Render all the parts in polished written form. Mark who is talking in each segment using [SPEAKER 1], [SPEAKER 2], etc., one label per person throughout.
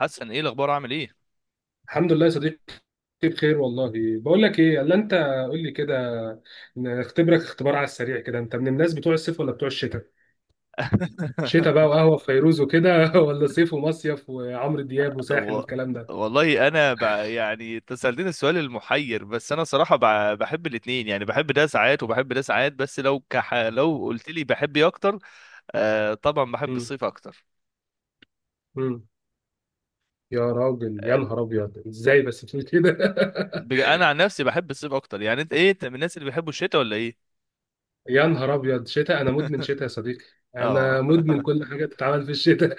[SPEAKER 1] حسن، ايه الاخبار؟ عامل ايه؟
[SPEAKER 2] الحمد لله يا صديقي. بخير والله. بقول لك ايه الا انت، قول لي كده. نختبرك اختبار على السريع كده، انت من الناس بتوع الصيف ولا بتوع الشتاء؟ شتاء بقى وقهوة في فيروز وكده ولا صيف ومصيف وعمرو دياب وساحل
[SPEAKER 1] و...
[SPEAKER 2] والكلام ده؟
[SPEAKER 1] والله انا ب... يعني أنت سألتني السؤال المحير، بس انا صراحه بحب الاثنين. يعني بحب ده ساعات وبحب ده ساعات، بس لو لو قلت لي بحب ايه اكتر، آه طبعا بحب
[SPEAKER 2] امم
[SPEAKER 1] الصيف اكتر.
[SPEAKER 2] امم يا راجل يا
[SPEAKER 1] آه،
[SPEAKER 2] نهار ابيض، ازاي بس بتقول كده؟
[SPEAKER 1] انا عن نفسي بحب الصيف اكتر. يعني انت ايه؟ انت من الناس اللي بيحبوا الشتاء ولا ايه؟
[SPEAKER 2] يا نهار ابيض، شتاء! انا مدمن شتاء يا صديقي.
[SPEAKER 1] اه.
[SPEAKER 2] انا مدمن كل حاجة بتتعمل في الشتاء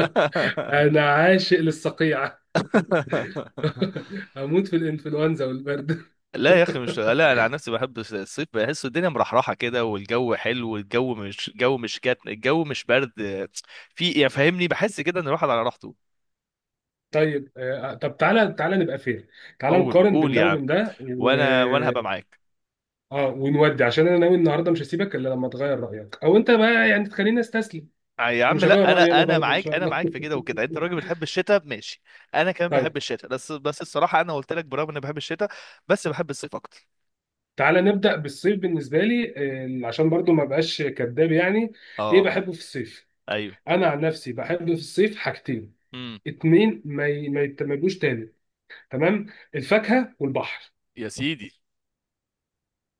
[SPEAKER 2] انا عاشق للصقيع اموت في الانفلونزا والبرد.
[SPEAKER 1] لا يا اخي، مش لا، انا عن نفسي بحب الصيف. بحس الدنيا مرحرحه كده، والجو حلو، والجو مش الجو مش كاتم، الجو مش برد. في يعني، فاهمني؟ بحس كده ان الواحد على راحته.
[SPEAKER 2] طيب طب تعالى نبقى فير. تعالى
[SPEAKER 1] قول
[SPEAKER 2] نقارن
[SPEAKER 1] قول
[SPEAKER 2] بين
[SPEAKER 1] يا
[SPEAKER 2] ده
[SPEAKER 1] عم،
[SPEAKER 2] وبين ده
[SPEAKER 1] وانا هبقى معاك.
[SPEAKER 2] اه ونودي، عشان انا ناوي النهارده مش هسيبك الا لما تغير رايك، او انت بقى يعني تخليني استسلم.
[SPEAKER 1] آه يا عم،
[SPEAKER 2] ومش
[SPEAKER 1] لا
[SPEAKER 2] هغير
[SPEAKER 1] انا
[SPEAKER 2] رايي انا
[SPEAKER 1] انا
[SPEAKER 2] برضه ان
[SPEAKER 1] معاك،
[SPEAKER 2] شاء
[SPEAKER 1] انا
[SPEAKER 2] الله
[SPEAKER 1] معاك في كده وكده. انت راجل بتحب الشتاء، ماشي. انا كمان بحب
[SPEAKER 2] طيب
[SPEAKER 1] الشتاء، بس الصراحه انا قلت لك، برغم اني بحب الشتاء بس بحب الصيف اكتر.
[SPEAKER 2] تعالى نبدا بالصيف بالنسبه لي. عشان برضه ما بقاش كذاب يعني. ايه
[SPEAKER 1] اه،
[SPEAKER 2] بحبه في الصيف؟
[SPEAKER 1] ايوه.
[SPEAKER 2] انا عن نفسي بحب في الصيف حاجتين
[SPEAKER 1] امم.
[SPEAKER 2] اتنين ما يتملوش تاني، تمام؟ الفاكهه والبحر،
[SPEAKER 1] يا سيدي.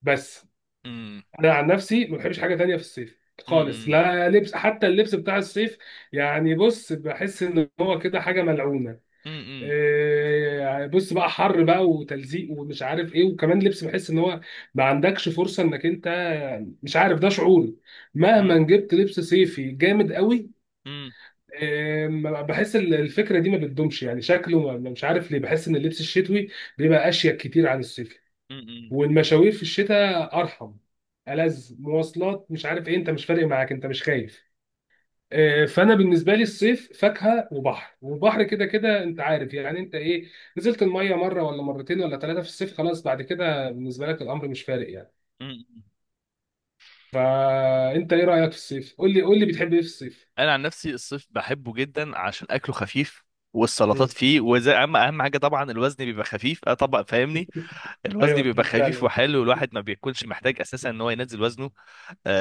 [SPEAKER 2] بس.
[SPEAKER 1] امم.
[SPEAKER 2] انا عن نفسي ما بحبش حاجه تانية في الصيف خالص،
[SPEAKER 1] امم.
[SPEAKER 2] لا لبس حتى اللبس بتاع الصيف يعني. بص بحس ان هو كده حاجه ملعونه.
[SPEAKER 1] امم.
[SPEAKER 2] بص بقى حر بقى وتلزيق ومش عارف ايه، وكمان لبس بحس ان هو ما عندكش فرصه انك انت، مش عارف ده شعوري.
[SPEAKER 1] امم.
[SPEAKER 2] مهما جبت لبس صيفي جامد قوي، إيه، ما- بحس الفكره دي ما بتدومش يعني. شكله مش عارف ليه بحس ان اللبس الشتوي بيبقى اشيك كتير عن الصيفي.
[SPEAKER 1] امم.
[SPEAKER 2] والمشاوير في الشتاء ارحم، ألذ مواصلات مش عارف ايه، انت مش فارق معاك، انت مش خايف. فانا بالنسبه لي الصيف فاكهه وبحر، والبحر كده كده انت عارف يعني. انت ايه، نزلت الميه مره ولا مرتين ولا ثلاثه في الصيف، خلاص بعد كده بالنسبه لك الامر مش فارق يعني.
[SPEAKER 1] امم.
[SPEAKER 2] فانت ايه رايك في الصيف؟ قول لي، بتحب ايه في الصيف؟
[SPEAKER 1] انا عن نفسي الصيف بحبه جدا عشان اكله خفيف، والسلطات
[SPEAKER 2] مم.
[SPEAKER 1] فيه، وزي اهم حاجه طبعا الوزن بيبقى خفيف. اه طبعا، فاهمني؟ الوزن
[SPEAKER 2] ايوه
[SPEAKER 1] بيبقى
[SPEAKER 2] دي
[SPEAKER 1] خفيف
[SPEAKER 2] فعلا.
[SPEAKER 1] وحلو، الواحد ما بيكونش محتاج اساسا ان هو ينزل وزنه.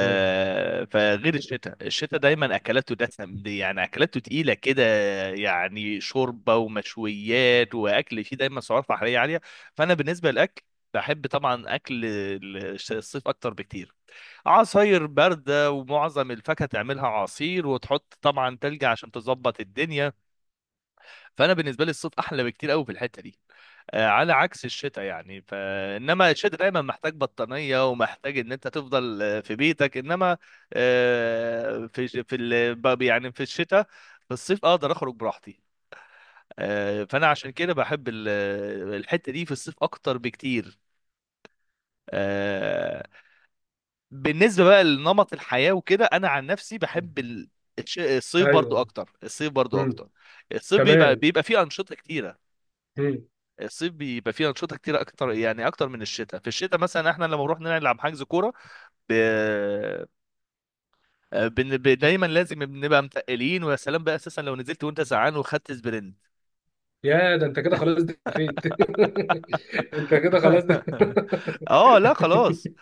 [SPEAKER 2] مم.
[SPEAKER 1] فغير الشتاء، الشتاء دايما اكلاته دسم، دي يعني اكلاته تقيله كده، يعني شوربه ومشويات واكل فيه دايما سعرات حراريه عاليه. فانا بالنسبه للاكل، بحب طبعا اكل الصيف اكتر بكتير. عصاير بارده، ومعظم الفاكهه تعملها عصير وتحط طبعا تلج عشان تظبط الدنيا. فانا بالنسبه لي الصيف احلى بكتير قوي في الحته دي. آه، على عكس الشتاء. يعني فانما الشتاء دايما محتاج بطانيه، ومحتاج ان انت تفضل آه، في بيتك. انما آه، في ج- في ال- ب- يعني في الشتاء، في الصيف اقدر اخرج براحتي. آه، فانا عشان كده بحب الحته دي في الصيف اكتر بكتير. آه، بالنسبه بقى لنمط الحياه وكده، انا عن نفسي بحب الصيف برضو
[SPEAKER 2] ايوه.
[SPEAKER 1] اكتر، الصيف برضو
[SPEAKER 2] مم.
[SPEAKER 1] اكتر. الصيف بيبقى
[SPEAKER 2] كمان.
[SPEAKER 1] بيبقى فيه انشطه كتيره.
[SPEAKER 2] مم.
[SPEAKER 1] الصيف بيبقى فيه انشطه كتير اكتر، يعني اكتر من الشتاء. في الشتاء مثلا احنا لما بنروح نلعب حجز كوره، ب... آه، بن... ب... دايما لازم بنبقى متقلين. ويا سلام بقى اساسا لو نزلت وانت زعان وخدت سبرنت.
[SPEAKER 2] يا ده انت كده خلاص دفيت انت كده خلاص دفيت.
[SPEAKER 1] اه لا خلاص،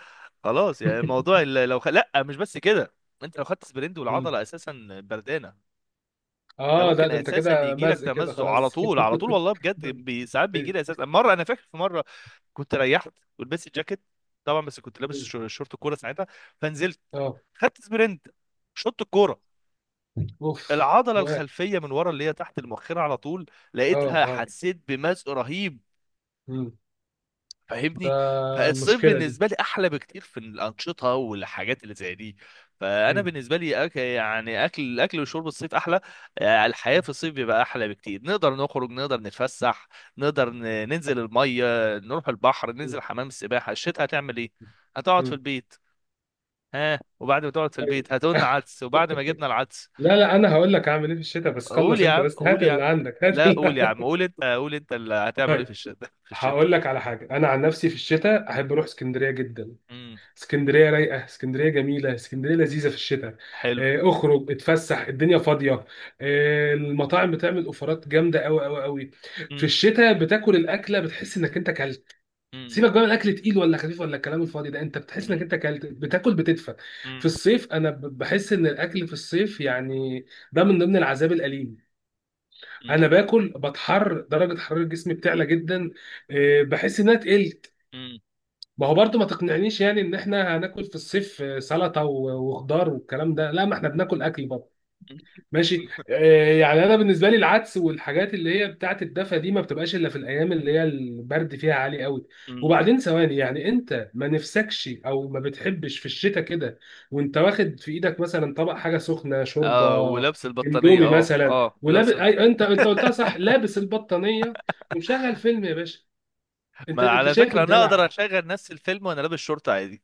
[SPEAKER 1] خلاص. يعني موضوع لا، مش بس كده، انت لو خدت سبرنت والعضله اساسا بردانه، ده
[SPEAKER 2] اه ده
[SPEAKER 1] ممكن
[SPEAKER 2] ده انت
[SPEAKER 1] اساسا
[SPEAKER 2] كده
[SPEAKER 1] يجي لك
[SPEAKER 2] مزق كده
[SPEAKER 1] تمزق على
[SPEAKER 2] خلاص
[SPEAKER 1] طول، على طول. والله بجد،
[SPEAKER 2] ده
[SPEAKER 1] ساعات بيجي لي
[SPEAKER 2] أنت-
[SPEAKER 1] اساسا. مره انا فاكر، في مره كنت ريحت ولبست الجاكيت طبعا، بس كنت لابس شورت كوره ساعتها، فنزلت،
[SPEAKER 2] اه.
[SPEAKER 1] خدت سبرنت، شط الكوره،
[SPEAKER 2] اوف
[SPEAKER 1] العضله
[SPEAKER 2] و-
[SPEAKER 1] الخلفيه من ورا اللي هي تحت المؤخره على طول
[SPEAKER 2] اه
[SPEAKER 1] لقيتها،
[SPEAKER 2] اه.
[SPEAKER 1] حسيت بمزق رهيب،
[SPEAKER 2] مم. ده
[SPEAKER 1] فاهمني؟ فالصيف
[SPEAKER 2] مشكلة دي.
[SPEAKER 1] بالنسبه لي احلى بكتير في الانشطه والحاجات اللي زي دي. فانا
[SPEAKER 2] مم.
[SPEAKER 1] بالنسبه لي يعني اكل، اكل وشرب، الصيف احلى. آه، الحياه في الصيف بيبقى احلى بكتير. نقدر نخرج، نقدر نتفسح، ننزل الميه، نروح البحر، ننزل
[SPEAKER 2] مم.
[SPEAKER 1] حمام السباحه. الشتاء هتعمل ايه؟ هتقعد في
[SPEAKER 2] مم.
[SPEAKER 1] البيت. ها، وبعد ما تقعد في
[SPEAKER 2] طيب.
[SPEAKER 1] البيت هتقولنا عدس، وبعد ما جبنا العدس،
[SPEAKER 2] لا لا، انا هقول لك اعمل ايه في الشتاء، بس
[SPEAKER 1] قول
[SPEAKER 2] خلص
[SPEAKER 1] يا
[SPEAKER 2] انت
[SPEAKER 1] عم،
[SPEAKER 2] بس،
[SPEAKER 1] قول
[SPEAKER 2] هات
[SPEAKER 1] يا عم.
[SPEAKER 2] اللي عندك هات
[SPEAKER 1] لا
[SPEAKER 2] اللي...
[SPEAKER 1] قول يا عم، قول انت، قول انت اللي هتعمل ايه في
[SPEAKER 2] طيب
[SPEAKER 1] الشتاء. في الشتاء.
[SPEAKER 2] هقول لك على حاجة. انا عن نفسي في الشتاء احب اروح اسكندرية جدا.
[SPEAKER 1] امم.
[SPEAKER 2] اسكندريه رايقه، اسكندريه جميله، اسكندريه لذيذه في الشتاء.
[SPEAKER 1] حلو.
[SPEAKER 2] اخرج اتفسح، الدنيا فاضيه. المطاعم بتعمل اوفرات جامده قوي قوي قوي. في
[SPEAKER 1] امم.
[SPEAKER 2] الشتاء بتاكل الاكله بتحس انك انت كلت.
[SPEAKER 1] امم.
[SPEAKER 2] سيبك بقى من الاكل تقيل ولا خفيف ولا الكلام الفاضي ده، انت بتحس انك
[SPEAKER 1] امم.
[SPEAKER 2] انت كلت، بتاكل بتدفى. في
[SPEAKER 1] مم.
[SPEAKER 2] الصيف انا بحس ان الاكل في الصيف يعني ده من ضمن العذاب الاليم. انا
[SPEAKER 1] مم.
[SPEAKER 2] باكل بتحر، درجه حراره جسمي بتعلى جدا. بحس انها تقل.
[SPEAKER 1] مم.
[SPEAKER 2] ما هو برضو ما تقنعنيش يعني ان احنا هناكل في الصيف سلطه وخضار والكلام ده. لا، ما احنا بناكل اكل برضه ماشي. يعني انا بالنسبه لي العدس والحاجات اللي هي بتاعه الدفا دي ما بتبقاش الا في الايام اللي هي البرد فيها عالي قوي.
[SPEAKER 1] مم.
[SPEAKER 2] وبعدين ثواني، يعني انت ما نفسكش او ما بتحبش في الشتاء كده، وانت واخد في ايدك مثلا طبق حاجه سخنه، شوربه،
[SPEAKER 1] اه ولابس البطانية،
[SPEAKER 2] اندومي
[SPEAKER 1] اه
[SPEAKER 2] مثلا،
[SPEAKER 1] اه،
[SPEAKER 2] ولابس أي... انت قلتها صح، لابس البطانيه، ومشغل فيلم يا باشا. انت
[SPEAKER 1] ما
[SPEAKER 2] انت
[SPEAKER 1] على
[SPEAKER 2] شايف
[SPEAKER 1] فكرة انا اقدر
[SPEAKER 2] الدلع؟
[SPEAKER 1] اشغل نفس الفيلم وانا لابس شورت عادي.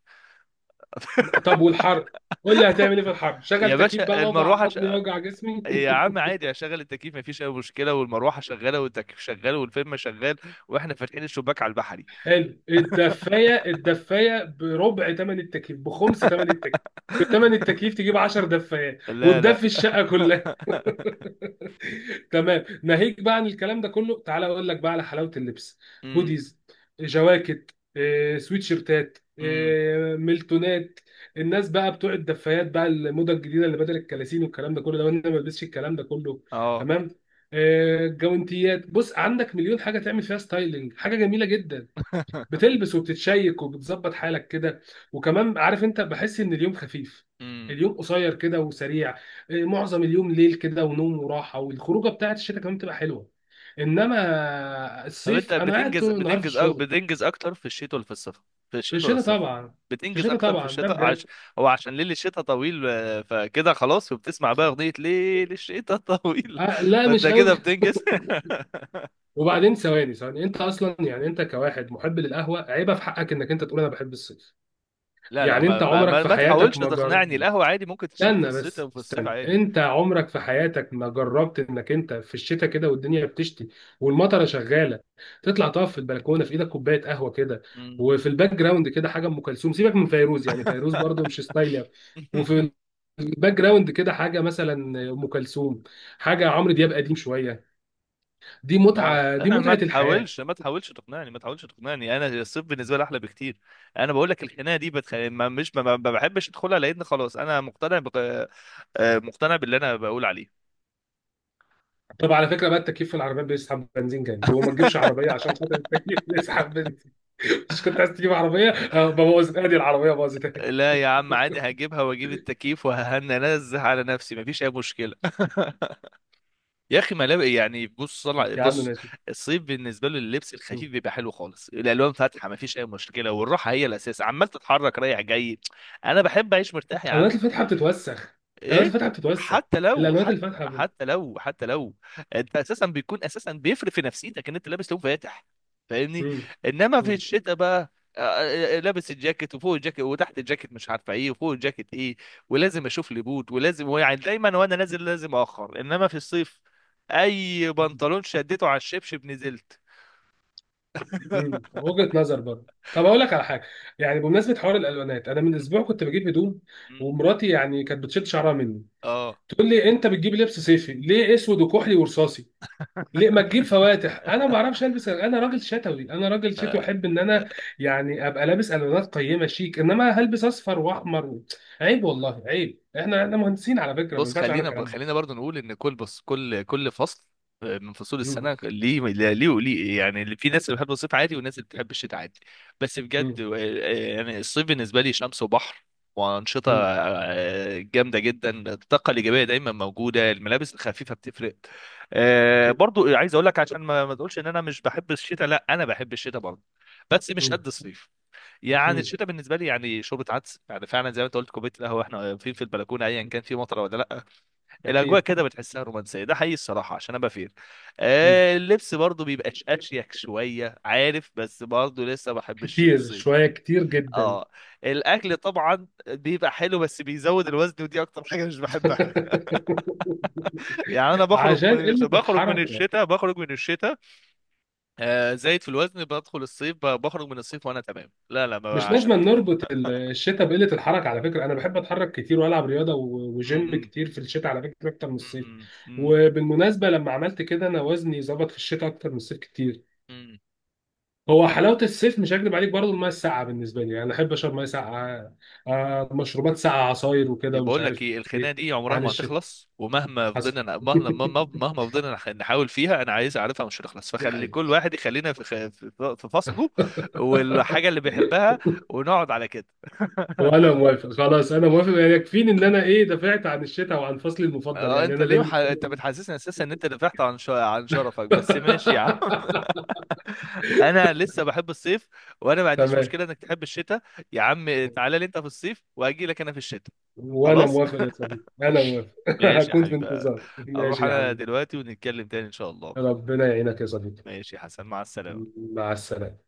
[SPEAKER 2] طب والحر؟ قول لي هتعمل ايه في الحر؟
[SPEAKER 1] يا
[SPEAKER 2] شغل تكييف بقى،
[SPEAKER 1] باشا
[SPEAKER 2] وجع
[SPEAKER 1] المروحة
[SPEAKER 2] عظمي وجع جسمي
[SPEAKER 1] يا عم عادي، اشغل التكييف مفيش اي مشكلة، والمروحة شغالة والتكييف شغال والفيلم شغال، واحنا فاتحين الشباك على البحري.
[SPEAKER 2] حلو الدفايه، الدفايه بربع ثمن التكييف، بخمس ثمن التكييف، بثمن التكييف تجيب 10 دفايات
[SPEAKER 1] لا لا.
[SPEAKER 2] وتدفي الشقه كلها. تمام. ناهيك بقى عن الكلام ده كله، تعالى اقول لك بقى على حلاوه اللبس.
[SPEAKER 1] امم.
[SPEAKER 2] هوديز، جواكت، سويت شيرتات،
[SPEAKER 1] امم.
[SPEAKER 2] ميلتونات. الناس بقى بتوع الدفايات بقى، الموضه الجديده اللي بدل الكلاسين والكلام ده كله ده، وانا ما بلبسش الكلام ده كله،
[SPEAKER 1] اه.
[SPEAKER 2] تمام. جوانتيات. بص عندك مليون حاجه تعمل فيها ستايلنج، حاجه جميله جدا. بتلبس وبتتشيك وبتظبط حالك كده. وكمان عارف انت، بحس ان اليوم خفيف، اليوم قصير كده وسريع. معظم اليوم ليل كده، ونوم وراحه، والخروجه بتاعت الشتاء كمان بتبقى حلوه. انما
[SPEAKER 1] طب انت
[SPEAKER 2] الصيف انا قاعد
[SPEAKER 1] بتنجز،
[SPEAKER 2] طول النهار في الشغل.
[SPEAKER 1] بتنجز اكتر في الشتاء ولا في الصيف؟ في
[SPEAKER 2] في
[SPEAKER 1] الشتاء ولا
[SPEAKER 2] الشتاء
[SPEAKER 1] الصيف؟
[SPEAKER 2] طبعا. في
[SPEAKER 1] بتنجز
[SPEAKER 2] الشتاء
[SPEAKER 1] اكتر في
[SPEAKER 2] طبعا، ده
[SPEAKER 1] الشتاء
[SPEAKER 2] بجد.
[SPEAKER 1] هو عشان ليل الشتاء طويل آه، فكده خلاص، وبتسمع بقى اغنية ليل الشتاء طويل.
[SPEAKER 2] آه لا
[SPEAKER 1] فانت
[SPEAKER 2] مش قوي.
[SPEAKER 1] كده بتنجز.
[SPEAKER 2] وبعدين ثواني ثواني، انت اصلا يعني انت كواحد محب للقهوه، عيبه في حقك انك انت تقول انا بحب الصيف.
[SPEAKER 1] لا لا،
[SPEAKER 2] يعني
[SPEAKER 1] ما
[SPEAKER 2] انت
[SPEAKER 1] ما
[SPEAKER 2] عمرك
[SPEAKER 1] ما,
[SPEAKER 2] في
[SPEAKER 1] ما
[SPEAKER 2] حياتك
[SPEAKER 1] تحاولش
[SPEAKER 2] ما جر...
[SPEAKER 1] تقنعني. القهوة عادي ممكن تشرب في
[SPEAKER 2] استنى
[SPEAKER 1] الشتاء
[SPEAKER 2] بس
[SPEAKER 1] وفي الصيف
[SPEAKER 2] استنى،
[SPEAKER 1] عادي.
[SPEAKER 2] انت عمرك في حياتك ما جربت انك انت في الشتاء كده والدنيا بتشتي والمطره شغاله، تطلع تقف في البلكونه في ايدك كوبايه قهوه كده،
[SPEAKER 1] مم.
[SPEAKER 2] وفي الباك جراوند كده حاجه ام كلثوم؟ سيبك من فيروز يعني، فيروز برضو مش ستايل أوي. وفي الباك جراوند كده حاجه مثلا ام كلثوم، حاجه عمرو دياب قديم شويه، دي
[SPEAKER 1] ما
[SPEAKER 2] متعه، دي
[SPEAKER 1] ما
[SPEAKER 2] متعه الحياه.
[SPEAKER 1] تحاولش ما تحاولش تقنعني، ما تحاولش تقنعني، انا الصيف بالنسبه لي احلى بكتير. انا بقول لك الخناقه دي ما مش ما, ما بحبش ادخلها، لان خلاص انا مقتنع آه، مقتنع باللي انا بقول عليه.
[SPEAKER 2] طب على فكره بقى، التكييف في العربيات بيسحب بنزين جامد، وما تجيبش عربيه عشان خاطر التكييف بيسحب بنزين. مش كنت عايز تجيب عربيه؟ اه بوظت، ادي العربيه باظت.
[SPEAKER 1] لا يا عم عادي، هجيبها واجيب التكييف وهننزه على نفسي، مفيش اي مشكله. يا اخي ملابس، يعني بص، صلع
[SPEAKER 2] يا عم
[SPEAKER 1] بص،
[SPEAKER 2] ماشي.
[SPEAKER 1] الصيف بالنسبه له اللبس
[SPEAKER 2] مم.
[SPEAKER 1] الخفيف بيبقى حلو خالص، الالوان فاتحه مفيش اي مشكله، والراحه هي الاساس، عمال تتحرك رايح جاي. انا بحب اعيش مرتاح يا
[SPEAKER 2] الوانات
[SPEAKER 1] عم.
[SPEAKER 2] الفاتحه بتتوسخ، الوانات
[SPEAKER 1] ايه؟
[SPEAKER 2] الفاتحه بتتوسخ،
[SPEAKER 1] حتى لو
[SPEAKER 2] الالوانات
[SPEAKER 1] حتى
[SPEAKER 2] الفاتحه بت...
[SPEAKER 1] حتى لو انت اساسا بيكون اساسا بيفرق في نفسيتك ان انت لابس لون فاتح، فاهمني؟
[SPEAKER 2] مم.
[SPEAKER 1] انما في
[SPEAKER 2] مم.
[SPEAKER 1] الشتاء بقى آه، لابس الجاكيت، وفوق الجاكيت وتحت الجاكيت مش عارفه ايه، وفوق الجاكيت ايه، ولازم اشوف لي بوت، ولازم يعني دايما وانا نازل لازم اخر. انما في الصيف اي بنطلون شديته على الشبشب نزلت.
[SPEAKER 2] مم. وجهه نظر برضه. طب اقول لك على حاجه، يعني بمناسبه حوار الالوانات، انا من اسبوع كنت بجيب هدوم، ومراتي يعني كانت بتشد شعرها مني،
[SPEAKER 1] اه،
[SPEAKER 2] تقول لي انت بتجيب لبس صيفي ليه اسود وكحلي ورصاصي؟ ليه ما تجيب فواتح؟ انا ما بعرفش البس، انا راجل شتوي، انا راجل شتوي، احب ان انا يعني ابقى لابس الوانات قيمه شيك، انما هلبس اصفر واحمر و... عيب والله عيب، احنا احنا مهندسين على فكره، ما
[SPEAKER 1] بص
[SPEAKER 2] ينفعش معانا
[SPEAKER 1] خلينا
[SPEAKER 2] الكلام ده.
[SPEAKER 1] خلينا برضو نقول ان كل، بص، كل كل فصل آه، من فصول
[SPEAKER 2] مم.
[SPEAKER 1] السنه ليه، ليه وليه. يعني اللي في ناس اللي بتحب الصيف عادي، وناس اللي بتحب الشتاء عادي. بس بجد
[SPEAKER 2] مم.
[SPEAKER 1] آه، يعني الصيف بالنسبه لي شمس وبحر وانشطه
[SPEAKER 2] مم.
[SPEAKER 1] آه، جامده جدا، الطاقه الايجابيه دايما موجوده، الملابس الخفيفه بتفرق. آه،
[SPEAKER 2] أكيد.
[SPEAKER 1] برضو عايز اقول لك عشان ما تقولش ان انا مش بحب الشتاء، لا انا بحب الشتاء برضو، بس مش
[SPEAKER 2] مم.
[SPEAKER 1] قد الصيف. يعني
[SPEAKER 2] مم.
[SPEAKER 1] الشتاء بالنسبه لي يعني شوربه عدس، يعني فعلا زي ما انت قلت، كوبايه القهوه احنا واقفين في البلكونه، ايا كان في مطره ولا لا، الاجواء
[SPEAKER 2] أكيد.
[SPEAKER 1] كده بتحسها رومانسيه، ده حقيقي الصراحه عشان ابقى فير.
[SPEAKER 2] مم.
[SPEAKER 1] آه اللبس برضو بيبقى اشيك شويه، عارف؟ بس برضو لسه ما بحبش
[SPEAKER 2] كتير
[SPEAKER 1] الصيف.
[SPEAKER 2] شوية، كتير جدا.
[SPEAKER 1] اه، الاكل طبعا بيبقى حلو بس بيزود الوزن، ودي اكتر حاجه مش بحبها. يعني انا بخرج
[SPEAKER 2] عشان
[SPEAKER 1] من
[SPEAKER 2] قلة
[SPEAKER 1] بخرج من
[SPEAKER 2] الحركة.
[SPEAKER 1] الشتاء، بخرج من الشتاء آه زايد في الوزن، بدخل الصيف بخرج من الصيف وانا تمام. لا لا، ما
[SPEAKER 2] مش لازم
[SPEAKER 1] عشان كده.
[SPEAKER 2] نربط الشتاء بقلة الحركة على فكرة، أنا بحب أتحرك كتير وألعب رياضة
[SPEAKER 1] م-
[SPEAKER 2] وجيم
[SPEAKER 1] م-
[SPEAKER 2] كتير في الشتاء على فكرة أكتر من الصيف.
[SPEAKER 1] م- م-
[SPEAKER 2] وبالمناسبة لما عملت كده أنا وزني ظبط في الشتاء أكتر من الصيف كتير.
[SPEAKER 1] م-
[SPEAKER 2] هو حلاوة الصيف مش هكدب عليك برضه، المية الساقعة بالنسبة لي يعني، أنا أحب أشرب مية ساقعة، مشروبات ساقعة، عصاير وكده ومش
[SPEAKER 1] بقول لك
[SPEAKER 2] عارف.
[SPEAKER 1] ايه، الخناقه دي عمرها
[SPEAKER 2] عن
[SPEAKER 1] ما
[SPEAKER 2] الشتاء،
[SPEAKER 1] هتخلص، ومهما
[SPEAKER 2] حصل.
[SPEAKER 1] فضلنا مهما مهما مهما فضلنا نحاول فيها، انا عايز اعرفها مش هتخلص.
[SPEAKER 2] دي
[SPEAKER 1] فخلي
[SPEAKER 2] حقيقة.
[SPEAKER 1] كل واحد يخلينا في في فصله والحاجه اللي بيحبها، ونقعد على كده.
[SPEAKER 2] وانا موافق، خلاص انا موافق، يعني يكفيني ان انا ايه دافعت عن الشتاء وعن فصلي المفضل،
[SPEAKER 1] اه
[SPEAKER 2] يعني
[SPEAKER 1] انت
[SPEAKER 2] انا ده
[SPEAKER 1] ليه
[SPEAKER 2] بالنسبه
[SPEAKER 1] انت
[SPEAKER 2] لي.
[SPEAKER 1] بتحسسني اساسا ان انت دفعت عن عن شرفك، بس ماشي يا عم. انا لسه بحب الصيف، وانا ما عنديش
[SPEAKER 2] تمام.
[SPEAKER 1] مشكله انك تحب الشتاء. يا عم تعالى لي انت في الصيف واجي لك انا في الشتاء.
[SPEAKER 2] وانا
[SPEAKER 1] خلاص.
[SPEAKER 2] موافق يا صديقي، انا موافق
[SPEAKER 1] ماشي يا
[SPEAKER 2] هكون في
[SPEAKER 1] حبيبي.
[SPEAKER 2] انتظار،
[SPEAKER 1] اروح
[SPEAKER 2] ماشي يا
[SPEAKER 1] انا
[SPEAKER 2] حبيبي.
[SPEAKER 1] دلوقتي، ونتكلم تاني ان شاء الله.
[SPEAKER 2] ربنا يعينك يا صديقي.
[SPEAKER 1] ماشي يا حسن، مع السلامة.
[SPEAKER 2] مع السلامه.